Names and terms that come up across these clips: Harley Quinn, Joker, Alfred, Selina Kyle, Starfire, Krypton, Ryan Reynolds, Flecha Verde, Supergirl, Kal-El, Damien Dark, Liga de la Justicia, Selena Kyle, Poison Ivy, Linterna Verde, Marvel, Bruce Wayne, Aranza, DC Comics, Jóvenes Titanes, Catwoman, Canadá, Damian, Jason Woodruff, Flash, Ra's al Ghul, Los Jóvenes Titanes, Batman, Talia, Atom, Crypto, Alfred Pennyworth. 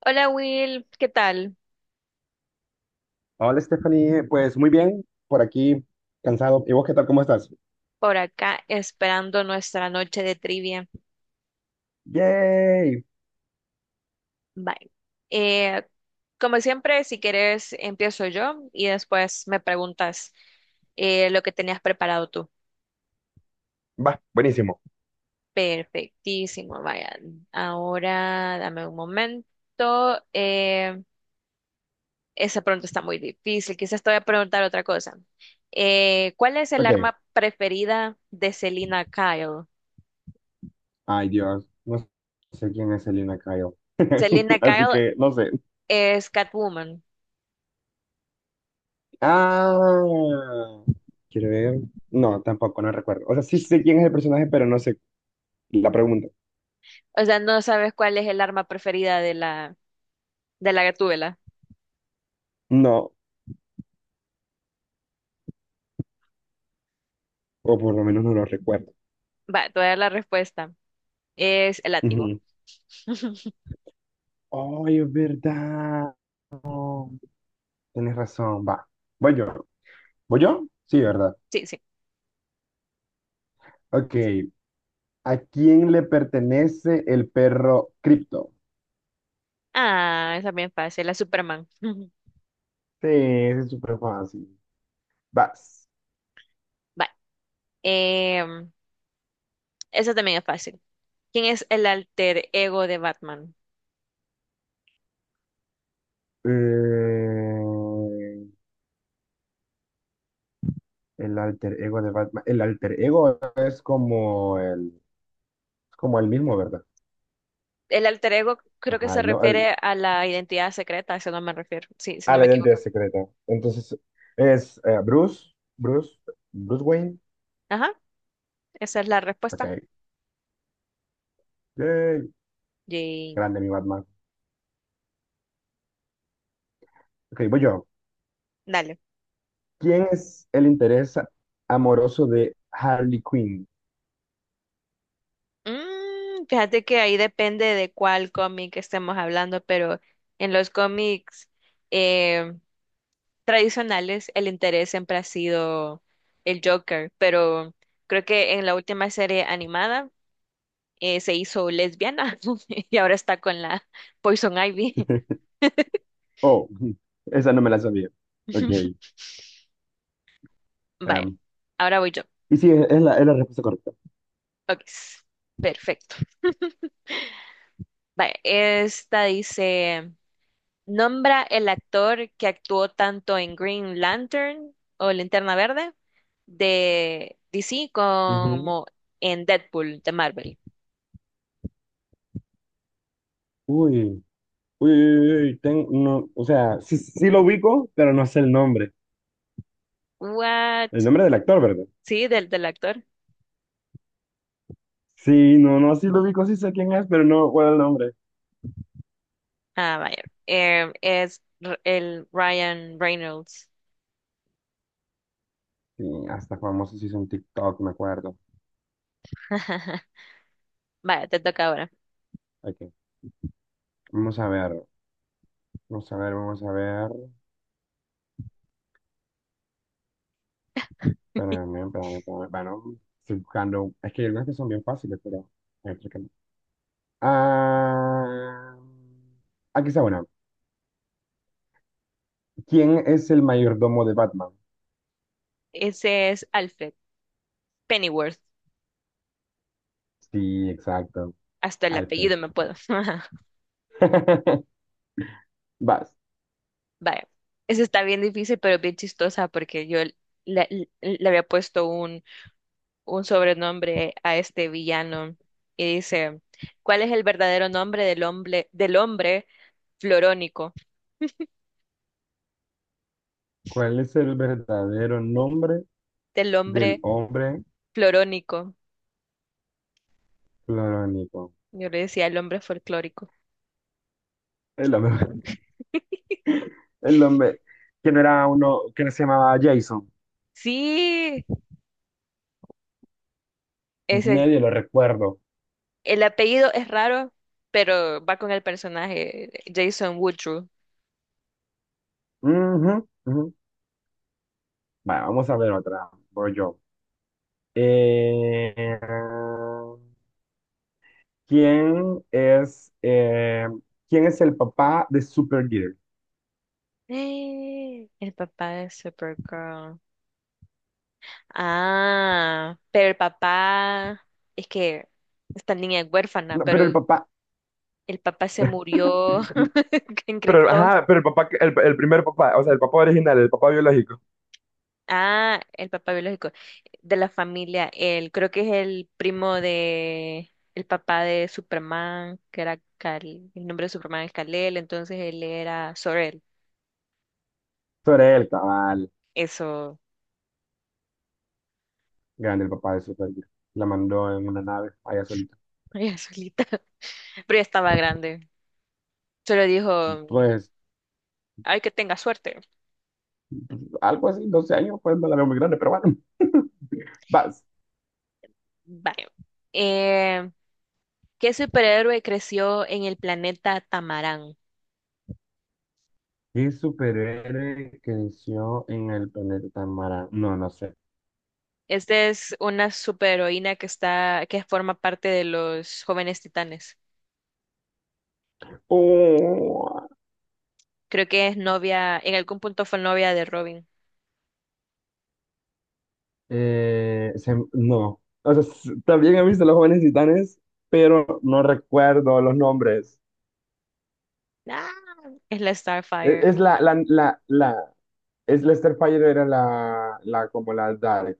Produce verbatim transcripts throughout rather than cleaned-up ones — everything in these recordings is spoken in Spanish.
Hola Will, ¿qué tal? Hola Stephanie, pues muy bien, por aquí cansado. ¿Y vos qué tal? ¿Cómo estás? Por acá esperando nuestra noche de trivia. ¡Yay! Bye. Eh, Como siempre, si quieres, empiezo yo y después me preguntas eh, lo que tenías preparado tú. Va, buenísimo. Perfectísimo, vaya. Ahora dame un momento. Eh, esa pregunta está muy difícil. Quizás te voy a preguntar otra cosa. Eh, ¿cuál es el Ok. arma preferida de Selina Kyle? Ay Dios, no sé quién es Selena Kyle. Selina Así Kyle que no sé. es Catwoman. Ah, quiero ver. No, tampoco, no recuerdo. O sea, sí sé quién es el personaje, pero no sé la pregunta. O sea, no sabes cuál es el arma preferida de la, de la gatúbela. No, o por lo menos no lo recuerdo. Va, te voy a dar la respuesta. Es el látigo. Ujú. Ay, es verdad. Tienes razón, va. Voy yo. ¿Voy yo? Sí, ¿verdad? Sí, sí. Ok. ¿A quién le pertenece el perro Crypto? Ah, esa es bien fácil, la Superman. Sí, ese es súper fácil. Vas. Va. em, Esa también es fácil. ¿Quién es el alter ego de Batman? Eh, el alter ego de Batman. El alter ego es como el, es como el mismo, ¿verdad? El alter ego creo que Ajá, se y no, el- refiere a la identidad secreta, a eso no me refiero. Sí, si ah, no me la identidad equivoco. secreta. Entonces, es eh, Bruce, Bruce, Bruce Wayne. Ajá, esa es la Ok. respuesta. Yay. Yay. Grande mi Batman. Ok, voy yo. Dale. ¿Quién es el interés amoroso de Harley Quinn? Mm, fíjate que ahí depende de cuál cómic estemos hablando, pero en los cómics eh, tradicionales el interés siempre ha sido el Joker, pero creo que en la última serie animada eh, se hizo lesbiana y ahora está con la Poison Ivy. Oh, ujú. Esa no me la sabía. Ok. Vaya, em, ahora voy yo. y sí, es es la, es la respuesta correcta. Ok, perfecto. Vaya, esta dice... Nombra el actor que actuó tanto en Green Lantern o Linterna Verde de D C Ujú. como en Deadpool de Marvel. Uy, uy, uy, uy, ten- no, o sea, sí, sí lo ubico, pero no sé el nombre. El What? nombre del actor, ¿verdad? Sí, del, del actor. Sí, no, no, sí lo ubico, sí sé quién es, pero no recuerdo el nombre. Ah, vaya. Eh, es R- el Ryan Reynolds. Sí, hasta famoso se hizo en TikTok, me acuerdo. Vaya, te toca ahora. Aquí. Vamos a ver, vamos a ver, vamos a ver. Espérame, espérame, espérame. Bueno, estoy buscando. Es que hay algunas que son bien fáciles, pero, a ver, chécame. Ah, aquí está una. ¿Quién es el mayordomo de Batman? Ese es Alfred Pennyworth. Sí, exacto. Hasta el Alfred. apellido me puedo. Vas. Vaya. Ese está bien difícil, pero bien chistosa porque yo le, le- le había puesto un un sobrenombre a este villano y dice, ¿cuál es el verdadero nombre del hombre, del hombre florónico? ¿Cuál es el verdadero nombre Del del hombre hombre florónico. clorónico? Yo le decía el hombre folclórico. El hombre. El hombre. Que no era uno que no se llamaba Jason. Sí, es el, Medio lo recuerdo. el apellido es raro, pero va con el personaje Jason Woodruff. Ujú, ujú. Vale, vamos a ver otra. Voy yo. Eh, ¿quién es, eh, quién es el papá de Supergirl? ¡Eh! El papá de Supergirl. Ah, pero el papá es que esta niña es huérfana, No, pero pero el papá. el papá se murió en Pero, Krypton. ajá, pero el papá, que- el, el primer papá, o sea, el papá original, el papá biológico. Ah, el papá biológico de la familia, él creo que es el primo de el papá de Superman, que era Kal- el nombre de Superman es Kal-El, entonces él era Sorel. Sobre él, cabal. Eso, Grande el papá de Supergirl. La mandó en una nave allá solita. ella solita. Pero ya estaba grande. Solo dijo, Pues ay, que tenga suerte. algo así, doce años, pues no la veo muy grande, pero bueno, vas. Vaya. Eh, ¿Qué superhéroe creció en el planeta Tamarán? ¿Qué superhéroe creció en el planeta Mara? No, no sé. Esta es una superheroína que está, que forma parte de los Jóvenes Titanes. Creo que es novia, en algún punto fue novia de Robin. Eh, se- no, o sea, s- también he visto Los Jóvenes Titanes, pero no recuerdo los nombres. Ah, es la Es, Starfire. es la, la, la, la, es Lester Fire era la, la, como la Dark.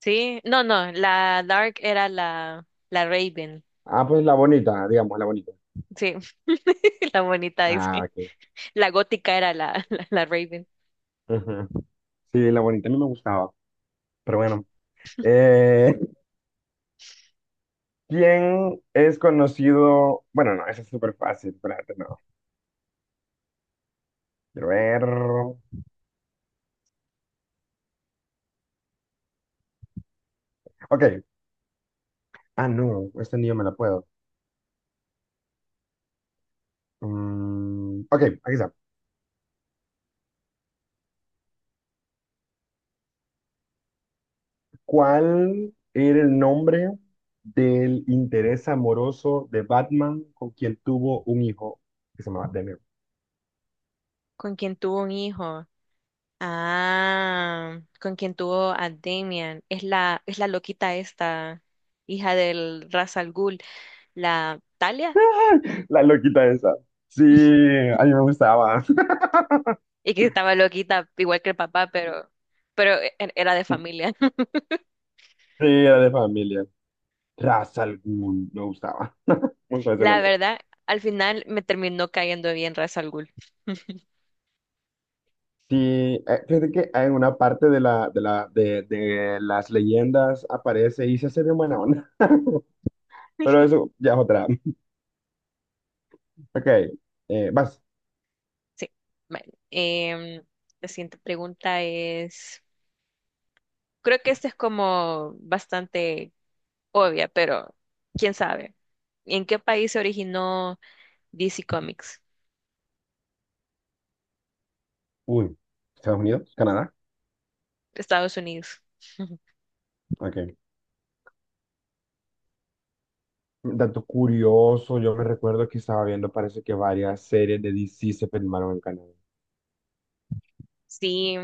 Sí, no, no, la Dark era la, la Raven. Ah, pues la bonita, digamos, la bonita. Sí, la bonita Ah, dice. ok. La gótica era la, la, la Raven. Ujú. Sí, la bonita a mí me gustaba, pero bueno. Eh, ¿Quién es conocido? Bueno, no, esa es súper fácil, espérate, no. Quiero ver. Ok, ah, no, esta ni yo me la puedo. Mm, ok, aquí está. ¿Cuál era el nombre del interés amoroso de Batman con quien tuvo un hijo que se llamaba Damian? Con quien tuvo un hijo. Ah, con quien tuvo a Damian. Es la, es la loquita esta, hija del Ra's al Ghul, la Talia. La loquita esa. Sí, a mí me gustaba. Y que estaba loquita, igual que el papá, pero, pero e- era de familia. Sí, era de familia. Ra's al Ghul, me gustaba. Me gustaba ese La nombre. verdad, al final me terminó cayendo bien Ra's al Ghul. Sí, eh, fíjate que en una parte de, la, de, la, de, de las leyendas aparece y se hace bien buena onda. Pero eso ya es otra. Ok, eh, vas. Sí. Bueno, em, la siguiente pregunta es, creo que esta es como bastante obvia, pero quién sabe. ¿En qué país se originó D C Comics? Uy, Estados Unidos, Canadá. Estados Unidos. Ok. Dato curioso, yo me recuerdo que estaba viendo, parece que varias series de D C se filmaron en Canadá. Sí,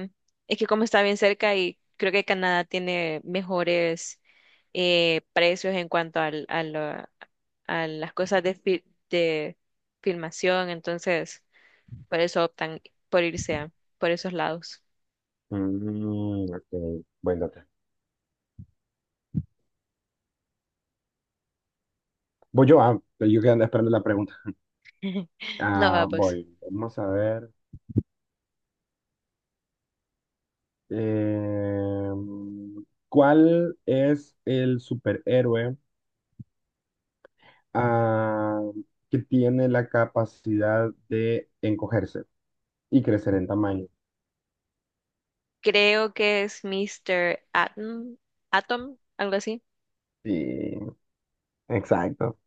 es que como está bien cerca y creo que Canadá tiene mejores eh, precios en cuanto al, a, lo- a las cosas de, fi- de filmación, entonces por eso optan por irse a- por esos lados. Mm, ok, buen dato. Voy yo, ah, yo quedando esperando la pregunta. No, va, Ah, pues. voy, vamos a ver. eh, ¿Cuál es el superhéroe ah, que tiene la capacidad de encogerse y crecer en tamaño? Creo que es míster Atom, Atom, algo así. Sí, exacto.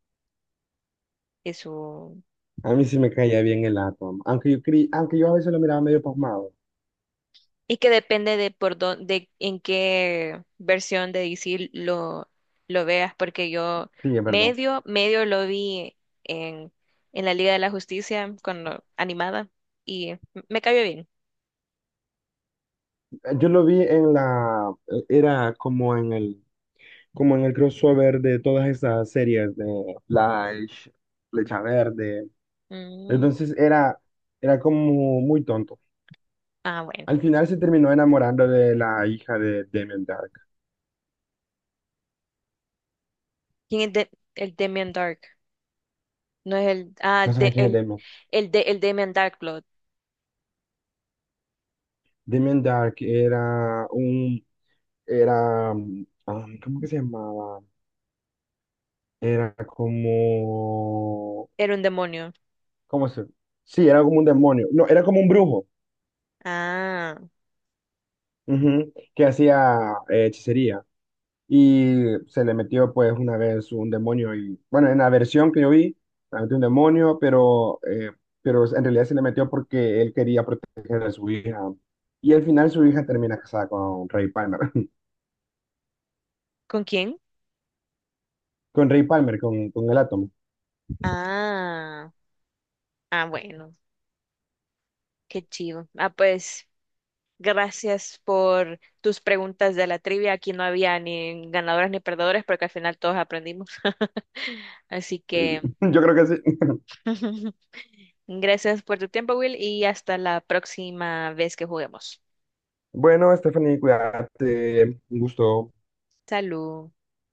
Es su... A mí sí me caía bien el Atom, aunque yo, creí- aunque yo a veces lo miraba medio pasmado. Y que depende de por dónde, en qué versión de D C lo, lo veas, porque yo Sí, es verdad. medio, medio lo vi en, en la Liga de la Justicia cuando animada y me cayó bien. Yo lo vi en la, era como en el, como en el crossover de todas esas series de Flash, Flecha Verde. Mm, Entonces era, era como muy tonto. ah, bueno. Al final se terminó enamorando de la hija de Damien Dark. ¿Quién es de- el Demian Dark? No es el. Ah, No el de, sabes quién es el, Damien. el de, el Damon Darkblood. Damien Dark era un, era, um, ¿cómo que se llamaba? Era como, Era un demonio. ¿cómo se? Sí, era como un demonio. No, era como un brujo. Ah. Ujú, que hacía eh, hechicería y se le metió pues una vez un demonio y bueno, en la versión que yo vi, se le metió un demonio, pero, eh, pero en realidad se le metió porque él quería proteger a su hija y al final su hija termina casada con Ray Palmer, ¿Con quién? con Ray Palmer, con, con el átomo. Ah. Ah, bueno. Qué chido. Ah, pues. Gracias por tus preguntas de la trivia. Aquí no había ni ganadores ni perdedores porque al final todos aprendimos. Así El- que Yo creo que sí. gracias por tu tiempo, Will, y hasta la próxima vez que juguemos. Bueno, Stephanie, cuídate, un gusto. Salud.